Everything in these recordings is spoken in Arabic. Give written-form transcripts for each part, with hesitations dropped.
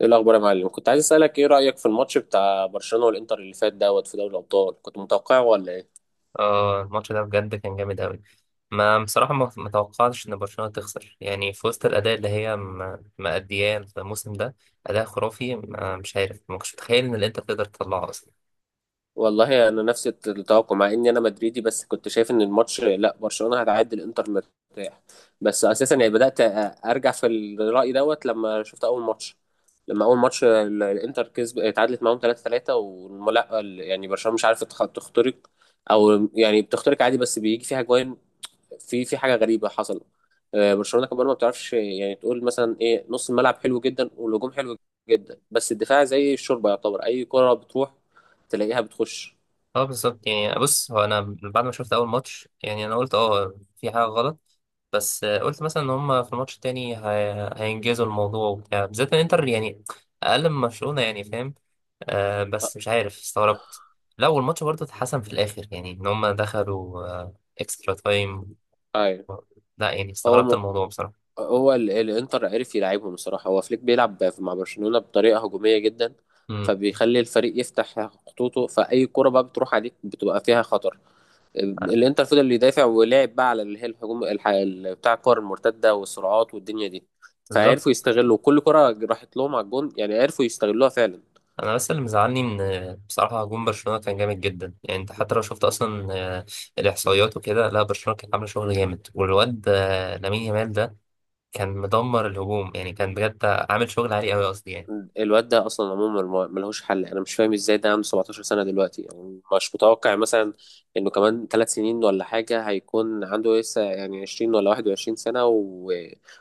ايه الاخبار يا معلم؟ كنت عايز اسالك، ايه رايك في الماتش بتاع برشلونه والانتر اللي فات في دوري الابطال؟ كنت متوقعه ولا ايه؟ اه الماتش ده بجد كان جامد أوي. ما بصراحة ما توقعتش إن برشلونة تخسر، يعني في وسط الأداء اللي هي مأدياه الموسم ده. أداء خرافي. مش عارف، ما كنتش متخيل إن الإنتر تقدر تطلعه أصلا. والله انا نفس التوقع، مع اني انا مدريدي، بس كنت شايف ان الماتش، لا، برشلونه هتعدي الانتر مرتاح. بس اساسا يعني بدات ارجع في الراي لما شفت اول ماتش. لما اول ماتش الانتر كسب، اتعادلت معاهم 3-3، ولا يعني برشلونه مش عارفه تخترق، او يعني بتخترق عادي بس بيجي فيها جوان. في حاجه غريبه حصلت. برشلونه كمان ما بتعرفش، يعني تقول مثلا ايه، نص الملعب حلو جدا والهجوم حلو جدا، بس الدفاع زي الشوربه، يعتبر اي كره بتروح تلاقيها بتخش. اه بالظبط، يعني بص، هو أنا بعد ما شفت أول ماتش يعني أنا قلت اه في حاجة غلط. بس قلت مثلا إن هما في الماتش التاني هينجزوا الموضوع وبتاع، بالذات إن الإنتر يعني أقل من برشلونة، يعني فاهم؟ آه بس مش عارف، استغربت. لا والماتش برضه اتحسن في الاخر، يعني ان هم دخلوا آه اكسترا تايم. ايوه. لا يعني هو استغربت م... الموضوع بصراحه. الانتر عرف يلعبهم الصراحه، هو فليك بيلعب مع برشلونه بطريقه هجوميه جدا، امم فبيخلي الفريق يفتح خطوطه، فاي كره بقى بتروح عليك بتبقى فيها خطر. الانتر فضل اللي يدافع ولعب بقى على اللي هي الهجوم، بتاع الكور المرتده والسرعات والدنيا دي. بالظبط. فعرفوا يستغلوا كل كره راحت لهم على الجون، يعني عرفوا يستغلوها فعلا. انا بس اللي مزعلني ان بصراحه هجوم برشلونه كان جامد جدا، يعني انت حتى لو شفت اصلا آه، الاحصائيات وكده، لا برشلونه كانت عامله شغل جامد، والواد لامين يامال ده كان مدمر الهجوم، يعني كان بجد عامل شغل عالي قوي، قصدي يعني. الواد ده اصلا عموما ملهوش حل، انا مش فاهم ازاي ده عنده 17 سنه دلوقتي. يعني مش متوقع مثلا انه كمان ثلاث سنين ولا حاجه هيكون عنده لسه، يعني 20 ولا 21 سنه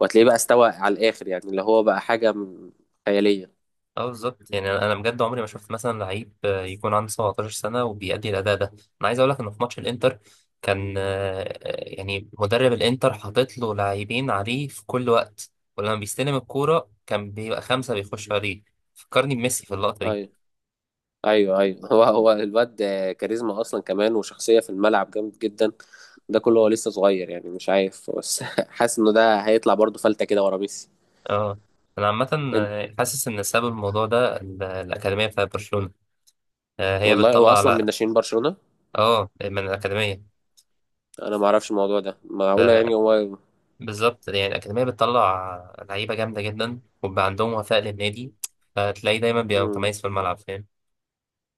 وهتلاقيه بقى استوى على الاخر، يعني اللي هو بقى حاجه خياليه. اه بالظبط، يعني أنا بجد عمري ما شفت مثلا لعيب يكون عنده 17 سنه وبيأدي الاداء ده. انا عايز اقول لك انه في ماتش الانتر كان يعني مدرب الانتر حاطط له لاعبين عليه في كل وقت. ولما بيستلم الكوره كان بيبقى خمسه بيخشوا عليه. فكرني بميسي في اللقطه دي. ايوه، ايوه، ايوه، هو الواد كاريزما اصلا، كمان وشخصيه في الملعب جامد جدا. ده كله هو لسه صغير، يعني مش عارف بس حاسس انه ده هيطلع برضه فلته كده ورا ميسي. اه، انا عامه إن- حاسس ان سبب الموضوع ده الاكاديميه بتاعت برشلونه. هي والله هو بتطلع اصلا من على. ناشئين برشلونه. اه من الاكاديميه. انا ما اعرفش الموضوع ده، معقوله يعني هو. بالظبط، يعني الأكاديمية بتطلع لعيبة جامدة جدا وبيبقى عندهم وفاء للنادي، فتلاقيه دايما بيبقى مم. متميز في الملعب، فاهم؟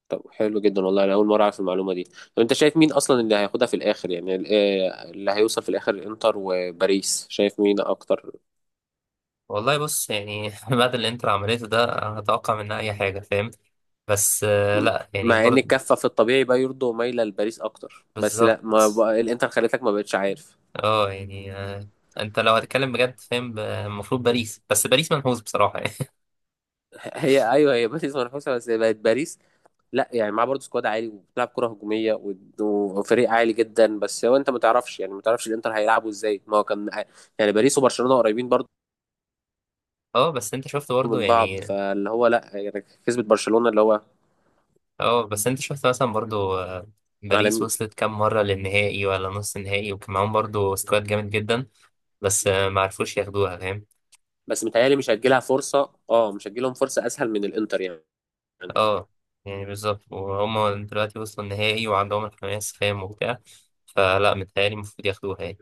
طب حلو جدا، والله انا اول مره اعرف المعلومه دي. طب انت شايف مين اصلا اللي هياخدها في الاخر؟ يعني اللي هيوصل في الاخر، انتر وباريس، شايف مين اكتر؟ والله بص يعني بعد اللي انتر عملته ده أنا هتوقع منها أي حاجة، فاهم؟ بس مم. لا يعني مع ان برضه. الكفه في الطبيعي بقى يرضوا مايله لباريس اكتر، بس لا، بالظبط. ما بقى الانتر خليتك ما بقتش عارف. اه يعني انت لو هتتكلم بجد، فاهم؟ المفروض باريس. بس باريس منحوس بصراحة يعني هي، ايوه، هي باريس منافسه، بس بقت باريس لا، يعني معاه برضه سكواد عالي وبتلعب كره هجوميه وفريق عالي جدا، بس هو انت ما تعرفش، يعني ما تعرفش الانتر هيلعبوا ازاي، ما هو كان يعني باريس وبرشلونه قريبين برضه اه بس انت شفت برضه من بعض، يعني. فاللي هو لا يعني كسبت برشلونه اللي هو اه بس انت شفت مثلا برضه باريس عالمي. وصلت كام مرة للنهائي ولا نص النهائي، وكان معاهم برضه سكواد جامد جدا، بس ما عرفوش ياخدوها، فاهم؟ بس متهيألي مش هتجيلها فرصه، اه، مش هتجيلهم فرصه اسهل من الانتر يعني. اه يعني بالظبط، وهم دلوقتي وصلوا النهائي وعندهم الحماس، فاهم؟ وبتاع. فلا، متهيألي المفروض ياخدوها يعني.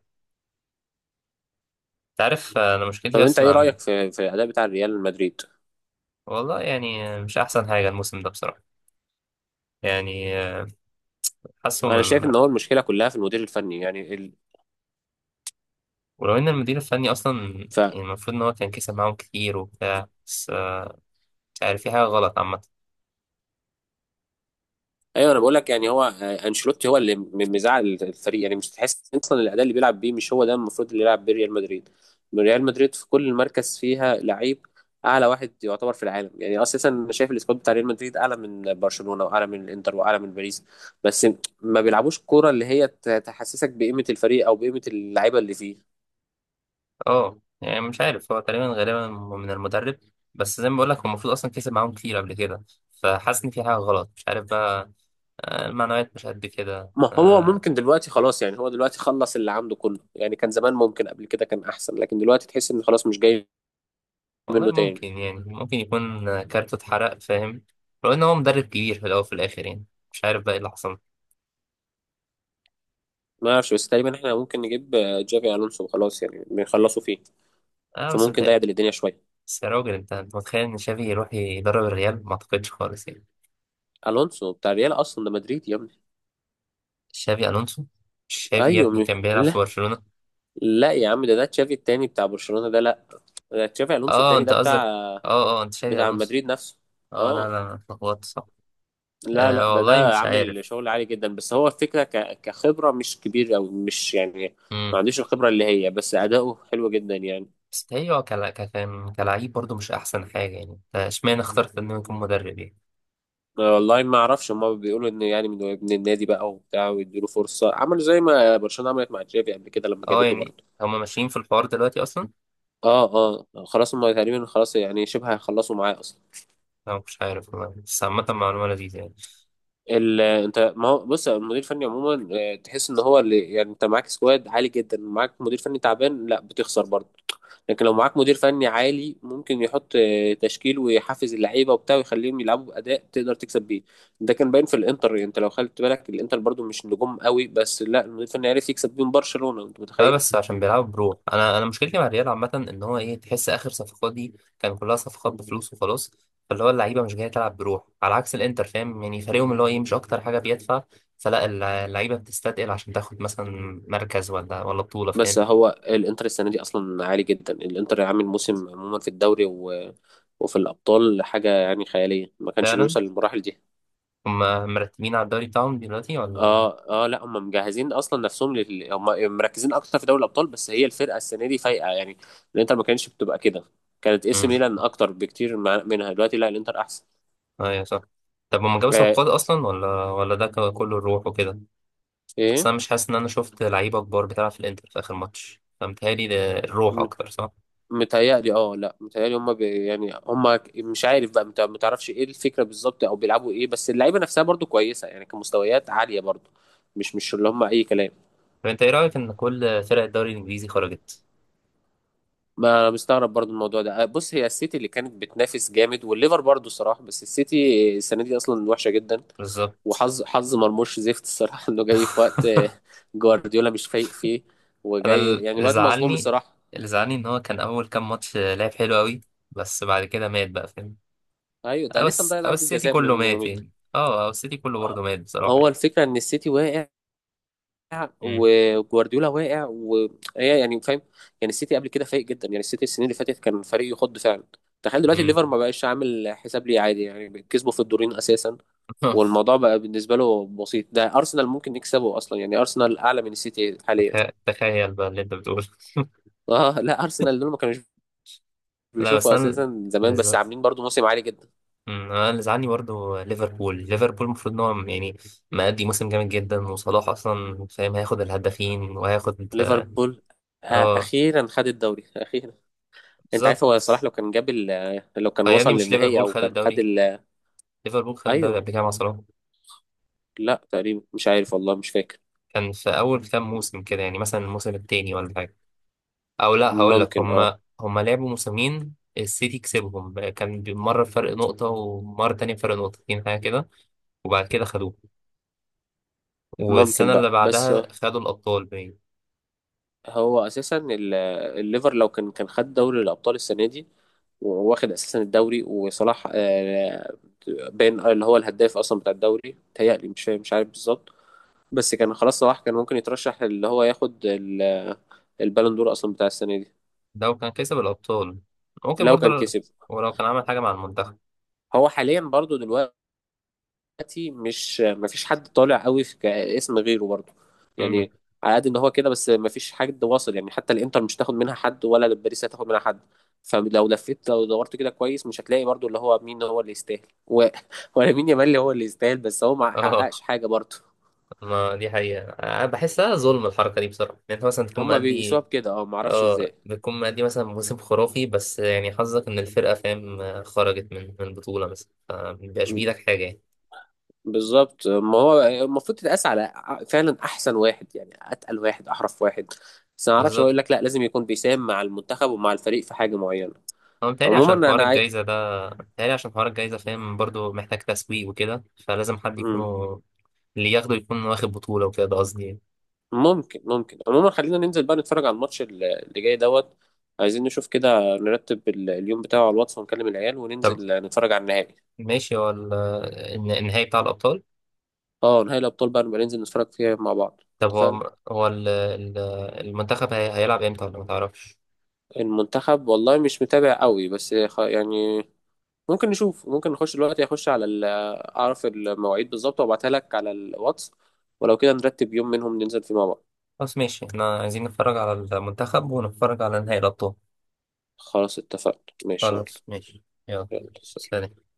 انت عارف انا مشكلتي طب انت بس ايه مع. رايك في الاداء بتاع ريال مدريد؟ والله يعني مش احسن حاجة الموسم ده بصراحة. يعني حاسه انا من. شايف ان هو المشكله كلها في المدير الفني يعني. ولو ان المدير الفني اصلا، يعني المفروض ان هو كان كسب معاهم كتير وبتاع، بس مش عارف، في حاجة غلط عامة. ايوه، انا بقول لك يعني هو انشيلوتي هو اللي مزعل الفريق، يعني مش تحس اصلا الاداء اللي بيلعب بيه مش هو ده المفروض اللي يلعب بيه ريال مدريد. ريال مدريد في كل مركز فيها لعيب اعلى واحد يعتبر في العالم. يعني اساسا انا شايف السكواد بتاع ريال مدريد اعلى من برشلونه واعلى من الانتر واعلى من باريس، بس ما بيلعبوش كوره اللي هي تحسسك بقيمه الفريق او بقيمه اللعيبه اللي فيه. اه يعني مش عارف، هو تقريبا غالبا من المدرب. بس زي ما بقول لك هو المفروض اصلا كسب معاهم كتير قبل كده، فحاسس ان في حاجة غلط، مش عارف بقى. المعنويات مش قد كده ما هو ممكن دلوقتي خلاص، يعني هو دلوقتي خلص اللي عنده كله، يعني كان زمان ممكن قبل كده كان احسن، لكن دلوقتي تحس ان خلاص مش جاي والله منه تاني. ممكن، يعني ممكن يكون كارته اتحرق، فاهم؟ لو ان هو مدرب كبير في الاول وفي الاخر يعني. مش عارف بقى ايه اللي حصل. ما اعرفش، بس تقريبا احنا ممكن نجيب جافي الونسو وخلاص، يعني بنخلصوا فيه، اه بس فممكن ده متهيألي. يعدل الدنيا شويه. بس يا راجل، انت متخيل ان شافي يروح يدرب الريال؟ ما اعتقدش خالص يعني. الونسو بتاع الريال اصلا، ده مدريد يا ابني. شافي الونسو. شافي يا ايوه. ابني كان بيلعب لا، في برشلونة. لا يا عم، ده تشافي التاني بتاع برشلونه ده، لا، ده تشافي الونسو اه التاني، انت ده بتاع قصدك، اه اه، انت شافي الونسو. مدريد نفسه. اه لا اه، لا، أنا اتلخبطت، صح. لا، لا، آه ده والله ده مش عامل عارف. شغل عالي جدا، بس هو الفكره كخبره مش كبير او مش يعني امم ما عندوش الخبره اللي هي، بس اداؤه حلو جدا يعني. بس هي هو كان كلاعب برضه مش احسن حاجة، يعني اشمعنى اخترت انه يكون مدرب يعني؟ أنا والله ما اعرفش، هما بيقولوا ان يعني من ابن النادي بقى وبتاع ويديله فرصه، عملوا زي ما برشلونه عملت مع جافي قبل كده لما اه جابته يعني برضه. هما ماشيين في الحوار دلوقتي اصلا. اه، اه، خلاص، هما تقريبا خلاص يعني شبه هيخلصوا معاه اصلا. انا مش عارف والله، بس عامة معلومة لذيذة يعني. انت ما هو بص، المدير الفني عموما تحس ان هو اللي يعني انت معاك سكواد عالي جدا، معاك مدير فني تعبان لا بتخسر برضه، لكن لو معاك مدير فني عالي، ممكن يحط تشكيل، ويحفز اللعيبه وبتاع ويخليهم يلعبوا باداء تقدر تكسب بيه. ده كان باين في الانتر، يعني انت لو خدت بالك، الانتر برضه مش نجوم قوي، بس لا المدير الفني عرف يكسب بيهم برشلونه، انت لا متخيل؟ بس عشان بيلعبوا بروح. انا مشكلتي مع الريال عامة ان هو ايه، تحس اخر صفقات دي كان كلها صفقات بفلوس وخلاص، فاللي هو اللعيبة مش جاية تلعب بروح على عكس الانتر، فاهم؟ يعني فريقهم اللي هو ايه مش اكتر حاجة بيدفع، فلا اللعيبة بتستثقل عشان تاخد مثلا مركز ولا بطولة، بس فاهم؟ هو الانتر السنه دي اصلا عالي جدا، الانتر عامل موسم عموما في الدوري وفي الابطال حاجه يعني خياليه، ما كانش فعلا. بيوصل للمراحل دي. هما مرتبين على الدوري بتاعهم دلوقتي ولا؟ اه، اه، لا، هم مجهزين اصلا نفسهم هم مركزين اكتر في دوري الابطال، بس هي الفرقه السنه دي فايقه، يعني الانتر ما كانتش بتبقى كده، كانت اي سي امم. ميلان اكتر بكتير منها دلوقتي، لا الانتر احسن. ايوه صح. طب هما جابوا آه صفقات اصلا ولا ده كله الروح وكده؟ اصل ايه، انا مش حاسس ان انا شفت لعيبه كبار بتلعب في الانتر في اخر ماتش، فمتهيألي ده الروح م- اكتر، صح. متهيألي، اه، لا متهيألي هم يعني هم مش عارف بقى، ما تعرفش ايه الفكره بالظبط، او بيلعبوا ايه، بس اللعيبه نفسها برضو كويسه، يعني كمستويات عاليه برضو، مش اللي هم اي كلام. طب انت ايه رايك ان كل فرق الدوري الانجليزي خرجت؟ ما انا مستغرب برضو الموضوع ده. بص، هي السيتي اللي كانت بتنافس جامد والليفر برضو الصراحه، بس السيتي السنه دي اصلا وحشه جدا. بالظبط. وحظ مرموش زفت الصراحة، انه جاي في وقت جوارديولا مش فايق فيه، انا وجاي يعني اللي الواد مظلوم زعلني، الصراحة. اللي زعلني ان هو كان اول كام ماتش لعب حلو قوي، بس بعد كده مات بقى، فاهم؟ ايوه، ده او لسه مضيع ضربة السيتي جزاء كله من مات يومين. يعني. اه او السيتي كله برضه مات بصراحه هو يعني. الفكرة ان السيتي واقع، امم. وجوارديولا واقع، وهي يعني فاهم، يعني السيتي قبل كده فايق جدا، يعني السيتي السنين اللي فاتت كان فريق يخض فعلا. تخيل دلوقتي امم. الليفر ما بقاش عامل حساب ليه عادي، يعني كسبوا في الدورين اساسا، والموضوع بقى بالنسبة له بسيط، ده ارسنال ممكن يكسبه اصلا، يعني ارسنال اعلى من السيتي حاليا. تخيل بقى اللي انت بتقوله. اه لا، ارسنال دول ما كانوش لا بس بيشوفوا انا. اساسا زمان، بس عاملين برضو موسم عالي جدا. انا اللي زعلني برضه ليفربول. ليفربول المفروض ان هو يعني مأدي موسم جامد جدا، وصلاح اصلا، فاهم؟ هياخد الهدافين وهياخد. ليفربول اه اخيرا خد الدوري اخيرا. انت عارف، هو بالظبط. صلاح لو كان جاب لو كان اه يا وصل ابني مش للنهائي ليفربول او خد كان خد الدوري. ليفربول خد الدوري ايوه. قبل كده مع صلاح. لا تقريبا، مش عارف والله، مش فاكر. كان في اول كام موسم كده، يعني مثلا الموسم التاني ولا حاجه. او لا، هقول لك ممكن، اه، هما لعبوا موسمين، السيتي كسبهم، كان مره بفرق نقطه ومره تانية بفرق نقطتين، حاجه كده. وبعد كده خدوه، ممكن والسنه اللي بقى، بس بعدها خدوا الابطال. هو اساسا الليفر لو كان خد دوري الابطال السنه دي واخد اساسا الدوري، وصلاح بين اللي هو الهداف اصلا بتاع الدوري، تهيألي مش عارف بالظبط، بس كان خلاص، صلاح كان ممكن يترشح اللي هو ياخد البالون دور اصلا بتاع السنه دي، لو كان كسب الأبطال ممكن لو كان برضه، كسب. ولو كان عمل حاجة مع المنتخب. هو حاليا برضو دلوقتي، مش، مفيش حد طالع قوي في اسم غيره برضو، امم. يعني على قد ان هو كده، بس مفيش حد واصل يعني، حتى الانتر مش هتاخد منها حد، ولا باريس هتاخد منها حد. فلو لفيت، لو دورت كده كويس، مش هتلاقي برضو اللي هو مين هو اللي يستاهل ولا مين، يامال اللي هو اللي يستاهل بس هو ما اه، حققش حاجه برضو. ما دي حقيقة، أنا بحسها ظلم الحركة دي بصراحة. يعني أنت مثلا تكون هما بيقيسوها مأدي. بكده، اه معرفش اه ازاي بتكون مأدي مثلا موسم خرافي، بس يعني حظك إن الفرقة، فاهم؟ خرجت من بطولة مثلا، فمبيبقاش بإيدك حاجة يعني. بالظبط، ما هو المفروض تتقاس على فعلا احسن واحد، يعني اتقل واحد احرف واحد، بس ما اعرفش، هو بالظبط. يقول لك لا، لازم يكون بيساهم مع المنتخب ومع الفريق في حاجه معينه. هو متهيألي عموما عشان حوار انا الجايزة ده. متهيألي عشان حوار الجايزة، فاهم؟ برضه محتاج تسويق وكده، فلازم حد مم. يكونوا اللي ياخده يكون واخد بطولة وكده، ده قصدي يعني. ممكن عموما خلينا ننزل بقى نتفرج على الماتش اللي جاي عايزين نشوف كده، نرتب اليوم بتاعه على الواتس، ونكلم العيال طب وننزل نتفرج على النهائي. ماشي. هو النهائي بتاع الأبطال. اه، نهائي الابطال بقى، نبقى ننزل نتفرج فيها مع بعض. طب اتفقنا. هو المنتخب هيلعب امتى ولا ما تعرفش؟ المنتخب والله مش متابع قوي، بس يعني ممكن نشوف، ممكن نخش دلوقتي، اخش على اعرف المواعيد بالظبط وابعتها لك على الواتس، ولو كده نرتب يوم منهم ننزل فيه مع بعض. خلاص ماشي، احنا عايزين نتفرج على المنتخب ونتفرج على نهائي الابطال. خلاص اتفقنا، ماشي يا خلاص معلم. ماشي يلا. يلا، سلام. سلام.